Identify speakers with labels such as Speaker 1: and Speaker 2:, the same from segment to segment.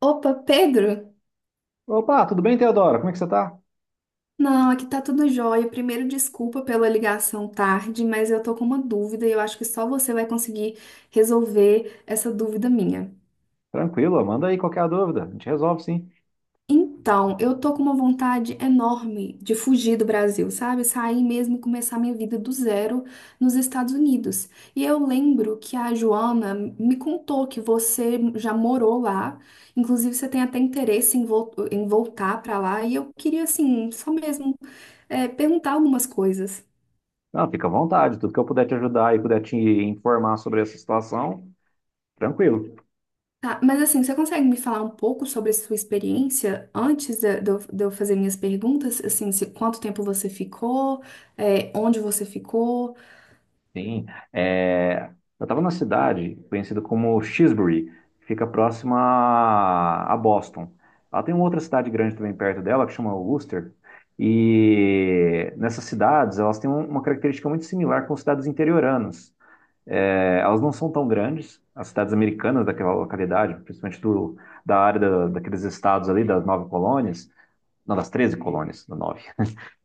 Speaker 1: Opa, Pedro?
Speaker 2: Opa, tudo bem, Teodoro? Como é que você tá?
Speaker 1: Não, aqui tá tudo jóia. Primeiro, desculpa pela ligação tarde, mas eu tô com uma dúvida e eu acho que só você vai conseguir resolver essa dúvida minha.
Speaker 2: Tranquilo, manda aí qualquer dúvida, a gente resolve sim.
Speaker 1: Então, eu tô com uma vontade enorme de fugir do Brasil, sabe? Sair mesmo e começar minha vida do zero nos Estados Unidos. E eu lembro que a Joana me contou que você já morou lá, inclusive você tem até interesse em, em voltar pra lá, e eu queria, assim, só mesmo perguntar algumas coisas.
Speaker 2: Não, fica à vontade, tudo que eu puder te ajudar e puder te informar sobre essa situação, tranquilo.
Speaker 1: Tá, mas assim, você consegue me falar um pouco sobre a sua experiência antes de eu fazer minhas perguntas? Assim, se, quanto tempo você ficou, onde você ficou?
Speaker 2: Sim, é, eu estava numa cidade conhecida como Shrewsbury, que fica próxima a Boston. Ela tem uma outra cidade grande também perto dela, que chama Worcester, e nessas cidades elas têm uma característica muito similar com cidades interioranas. É, elas não são tão grandes, as cidades americanas daquela localidade, principalmente do, da área da, daqueles estados ali, das nove colônias, não, das 13 colônias, da nove,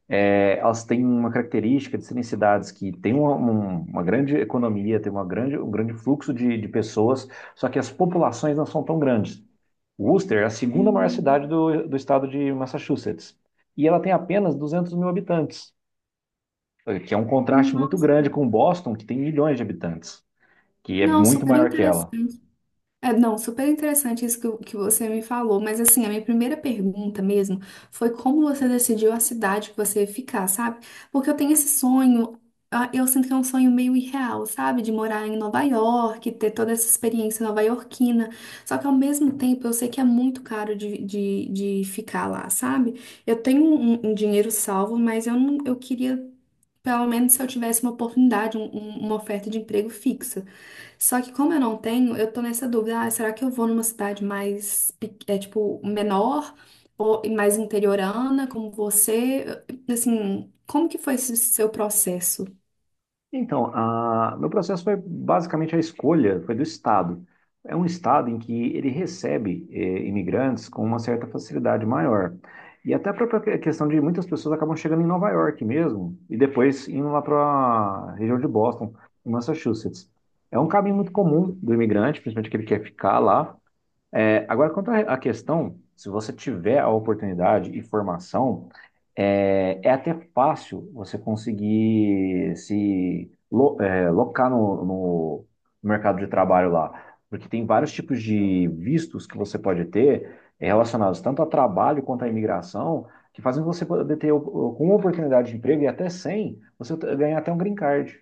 Speaker 2: é, elas têm uma característica de serem cidades que têm uma grande economia, têm uma grande, um grande fluxo de pessoas, só que as populações não são tão grandes. Worcester é a segunda maior
Speaker 1: Hum.
Speaker 2: cidade do estado de Massachusetts, e ela tem apenas 200 mil habitantes, que é um contraste muito
Speaker 1: Nossa,
Speaker 2: grande com Boston, que tem milhões de habitantes, que é
Speaker 1: não,
Speaker 2: muito
Speaker 1: super
Speaker 2: maior que ela.
Speaker 1: interessante. É, não, super interessante isso que, que você me falou, mas assim, a minha primeira pergunta mesmo foi como você decidiu a cidade que você ia ficar, sabe? Porque eu tenho esse sonho, ah, eu sinto que é um sonho meio irreal, sabe? De morar em Nova York, ter toda essa experiência nova-iorquina, só que ao mesmo tempo eu sei que é muito caro de ficar lá, sabe? Eu tenho um dinheiro salvo, mas eu não, eu queria. Pelo menos se eu tivesse uma oportunidade, uma oferta de emprego fixa. Só que como eu não tenho, eu tô nessa dúvida, ah, será que eu vou numa cidade mais, tipo, menor ou mais interiorana, como você? Assim, como que foi esse seu processo?
Speaker 2: Então, meu processo foi basicamente a escolha, foi do Estado. É um Estado em que ele recebe imigrantes com uma certa facilidade maior. E até a própria questão de muitas pessoas acabam chegando em Nova York mesmo, e depois indo lá para a região de Boston, em Massachusetts. É um caminho muito comum do imigrante, principalmente aquele que quer ficar lá. É, agora, quanto à questão, se você tiver a oportunidade e formação, é até fácil você conseguir se locar no mercado de trabalho lá, porque tem vários tipos de vistos que você pode ter relacionados tanto a trabalho quanto à imigração, que fazem você poder ter, com uma oportunidade de emprego e até sem, ganhar até um green card.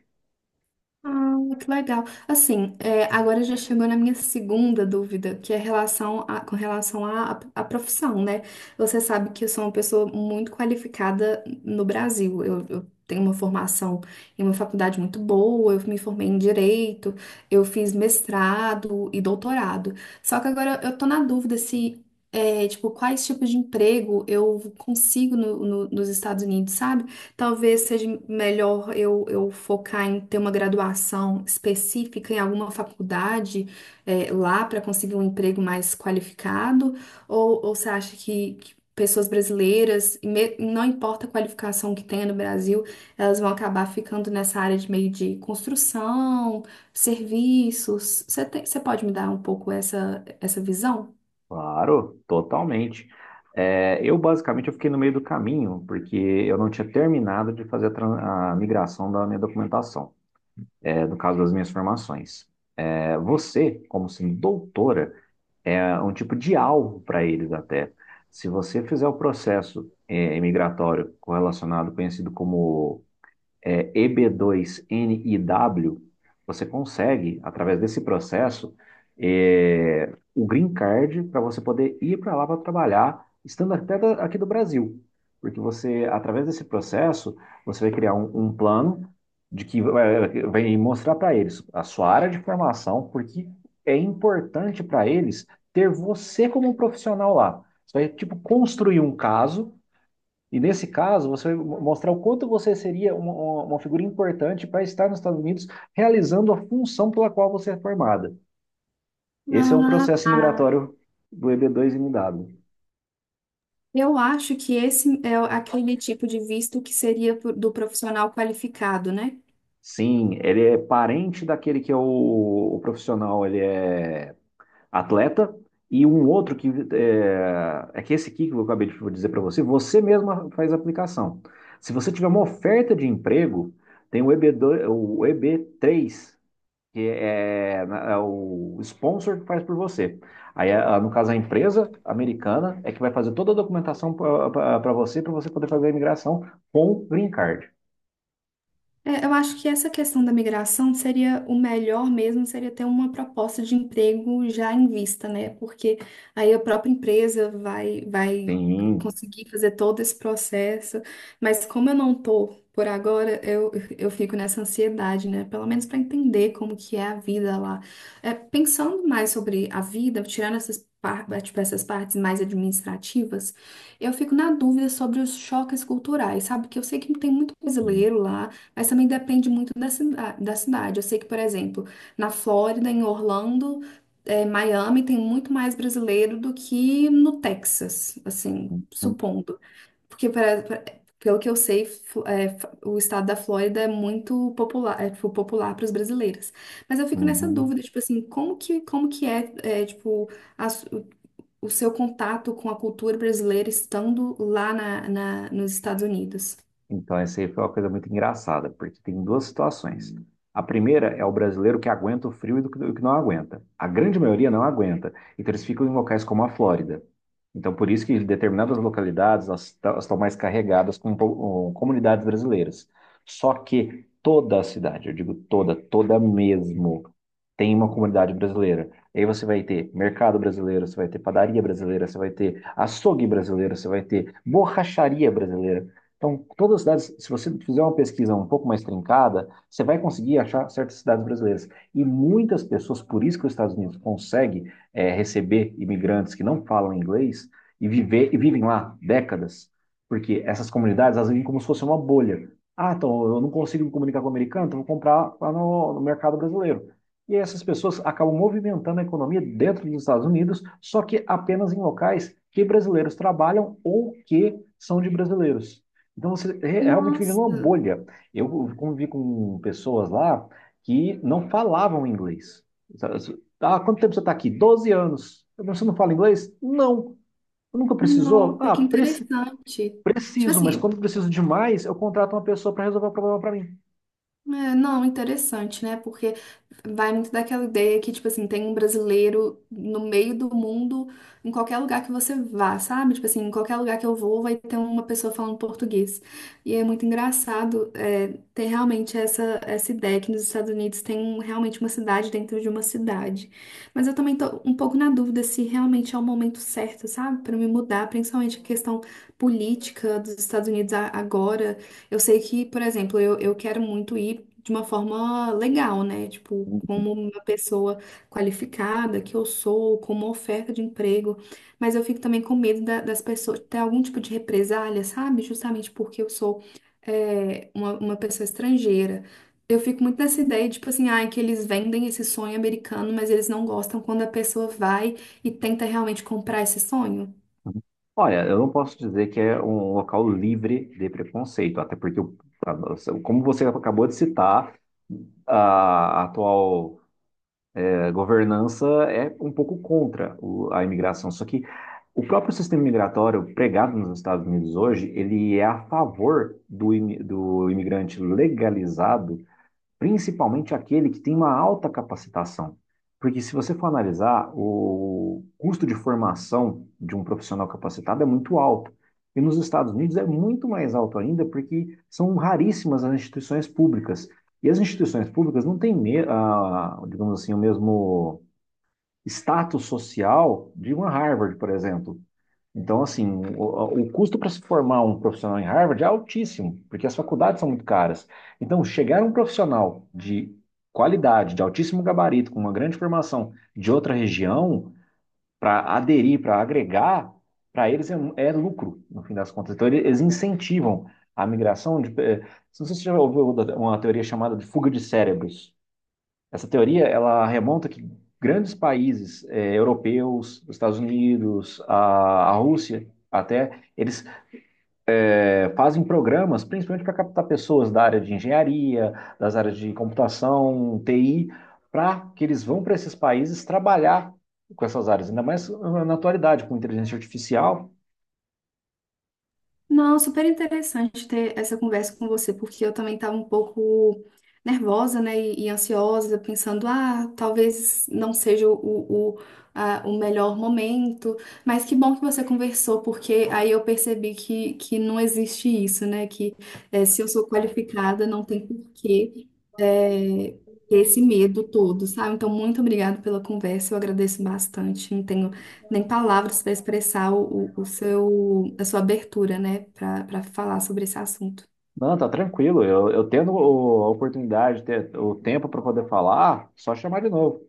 Speaker 1: Ah, que legal. Assim, é, agora já chegou na minha segunda dúvida, que é relação com relação à profissão, né? Você sabe que eu sou uma pessoa muito qualificada no Brasil. Eu tenho uma formação em uma faculdade muito boa, eu me formei em direito, eu fiz mestrado e doutorado. Só que agora eu tô na dúvida se, é, tipo, quais tipos de emprego eu consigo nos Estados Unidos, sabe? Talvez seja melhor eu focar em ter uma graduação específica em alguma faculdade lá para conseguir um emprego mais qualificado? Ou você acha que pessoas brasileiras, não importa a qualificação que tenha no Brasil, elas vão acabar ficando nessa área de meio de construção, serviços? Você pode me dar um pouco essa, essa visão?
Speaker 2: Claro, totalmente. É, eu basicamente eu fiquei no meio do caminho, porque eu não tinha terminado de fazer a migração da minha documentação, no caso das minhas formações. É, você, como sendo doutora, é um tipo de alvo para eles até. Se você fizer o processo imigratório correlacionado, conhecido como EB2NIW, você consegue, através desse processo, o green card para você poder ir para lá para trabalhar, estando até aqui do Brasil. Porque você, através desse processo, você vai criar um plano de que vai mostrar para eles a sua área de formação, porque é importante para eles ter você como um profissional lá. Você vai, tipo, construir um caso e nesse caso, você vai mostrar o quanto você seria uma figura importante para estar nos Estados Unidos realizando a função pela qual você é formada. Esse é o
Speaker 1: Ah,
Speaker 2: processo
Speaker 1: tá.
Speaker 2: imigratório do EB2MW.
Speaker 1: Eu acho que esse é aquele tipo de visto que seria do profissional qualificado, né?
Speaker 2: Sim, ele é parente daquele que é o profissional, ele é atleta, e um outro que é que esse aqui que eu acabei de dizer para você, você mesma faz a aplicação. Se você tiver uma oferta de emprego, tem o EB2, o EB3, que é o sponsor que faz por você. Aí, no caso, a empresa americana é que vai fazer toda a documentação para você poder fazer a imigração com o green card.
Speaker 1: É, eu acho que essa questão da migração seria o melhor mesmo, seria ter uma proposta de emprego já em vista, né? Porque aí a própria empresa vai
Speaker 2: Sim.
Speaker 1: conseguir fazer todo esse processo. Mas como eu não tô por agora, eu fico nessa ansiedade, né? Pelo menos para entender como que é a vida lá. É, pensando mais sobre a vida, tirando essas, tipo, essas partes mais administrativas, eu fico na dúvida sobre os choques culturais, sabe? Que eu sei que tem muito
Speaker 2: Uhum.
Speaker 1: brasileiro lá. Mas também depende muito da, da cidade. Eu sei que, por exemplo, na Flórida, em Orlando, Miami, tem muito mais brasileiro do que no Texas, assim,
Speaker 2: Uhum.
Speaker 1: supondo. Porque, pelo que eu sei, o estado da Flórida é muito popular, é, tipo, popular para os brasileiros. Mas eu fico nessa
Speaker 2: Uhum.
Speaker 1: dúvida, tipo assim, como que é, eh, tipo, a su- o seu contato com a cultura brasileira estando lá na, nos Estados Unidos?
Speaker 2: Então, essa aí foi uma coisa muito engraçada, porque tem duas situações. A primeira é o brasileiro que aguenta o frio e do que não aguenta. A grande maioria não aguenta. Então, eles ficam em locais como a Flórida. Então, por isso que determinadas localidades elas estão mais carregadas com, com comunidades brasileiras. Só que toda a cidade, eu digo toda, toda mesmo, tem uma comunidade brasileira. Aí você vai ter mercado brasileiro, você vai ter padaria brasileira, você vai ter açougue brasileiro, você vai ter borracharia brasileira. Então, todas as cidades, se você fizer uma pesquisa um pouco mais trincada, você vai conseguir achar certas cidades brasileiras. E muitas pessoas, por isso que os Estados Unidos consegue receber imigrantes que não falam inglês e e vivem lá décadas, porque essas comunidades, elas vivem como se fosse uma bolha. Ah, então eu não consigo me comunicar com o americano, então eu vou comprar lá no mercado brasileiro. E essas pessoas acabam movimentando a economia dentro dos Estados Unidos, só que apenas em locais que brasileiros trabalham ou que são de brasileiros. Então você realmente vive numa
Speaker 1: Nossa.
Speaker 2: bolha. Eu convivi com pessoas lá que não falavam inglês. Sabe, assim, "Ah, quanto tempo você está aqui?" "12 anos." Eu, "Mas você não fala inglês?" "Não." "Nunca precisou?"
Speaker 1: Nossa,
Speaker 2: "Ah,
Speaker 1: que interessante. Tipo
Speaker 2: preciso, mas
Speaker 1: assim,
Speaker 2: quando preciso demais, eu contrato uma pessoa para resolver o problema para mim."
Speaker 1: é, não, interessante, né? Porque vai muito daquela ideia que, tipo assim, tem um brasileiro no meio do mundo, em qualquer lugar que você vá, sabe? Tipo assim, em qualquer lugar que eu vou, vai ter uma pessoa falando português. E é muito engraçado, é, ter realmente essa, essa ideia que nos Estados Unidos tem realmente uma cidade dentro de uma cidade. Mas eu também tô um pouco na dúvida se realmente é o momento certo, sabe? Para me mudar, principalmente a questão política dos Estados Unidos agora. Eu sei que, por exemplo, eu quero muito ir de uma forma legal, né? Tipo, como uma pessoa qualificada que eu sou, como oferta de emprego. Mas eu fico também com medo das pessoas ter algum tipo de represália, sabe? Justamente porque eu sou, é, uma pessoa estrangeira. Eu fico muito nessa ideia, tipo assim, ai, que eles vendem esse sonho americano, mas eles não gostam quando a pessoa vai e tenta realmente comprar esse sonho.
Speaker 2: Olha, eu não posso dizer que é um local livre de preconceito, até porque, como você acabou de citar, a atual governança é um pouco contra a imigração. Só que o próprio sistema migratório pregado nos Estados Unidos hoje, ele é a favor do imigrante legalizado, principalmente aquele que tem uma alta capacitação. Porque se você for analisar, o custo de formação de um profissional capacitado é muito alto. E nos Estados Unidos é muito mais alto ainda, porque são raríssimas as instituições públicas. E as instituições públicas não têm, ah, digamos assim, o mesmo status social de uma Harvard, por exemplo. Então, assim, o custo para se formar um profissional em Harvard é altíssimo, porque as faculdades são muito caras. Então, chegar um profissional de qualidade, de altíssimo gabarito, com uma grande formação de outra região, para aderir, para agregar, para eles é lucro, no fim das contas. Então, eles incentivam a migração de. Não sei se você já ouviu uma teoria chamada de fuga de cérebros. Essa teoria ela remonta que grandes países europeus, os Estados Unidos, a Rússia, até eles fazem programas, principalmente para captar pessoas da área de engenharia, das áreas de computação, TI, para que eles vão para esses países trabalhar com essas áreas, ainda mais ah, na atualidade com inteligência artificial.
Speaker 1: Não, super interessante ter essa conversa com você, porque eu também estava um pouco nervosa, né, e ansiosa, pensando, ah, talvez não seja o melhor momento, mas que bom que você conversou, porque aí eu percebi que não existe isso, né, que eh, se eu sou qualificada, não tem porquê eh, ter esse medo todo, sabe? Então, muito obrigada pela conversa, eu agradeço bastante, não tenho nem palavras para expressar o seu, a sua abertura, né, para para falar sobre esse assunto.
Speaker 2: Não, tá tranquilo. Eu tendo a oportunidade, ter o tempo para poder falar, só chamar de novo.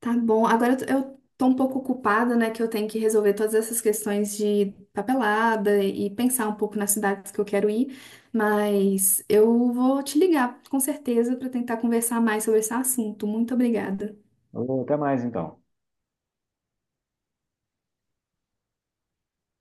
Speaker 1: Tá bom, agora eu tô um pouco ocupada, né, que eu tenho que resolver todas essas questões de papelada e pensar um pouco nas cidades que eu quero ir, mas eu vou te ligar, com certeza, para tentar conversar mais sobre esse assunto. Muito obrigada.
Speaker 2: Ô, até mais então.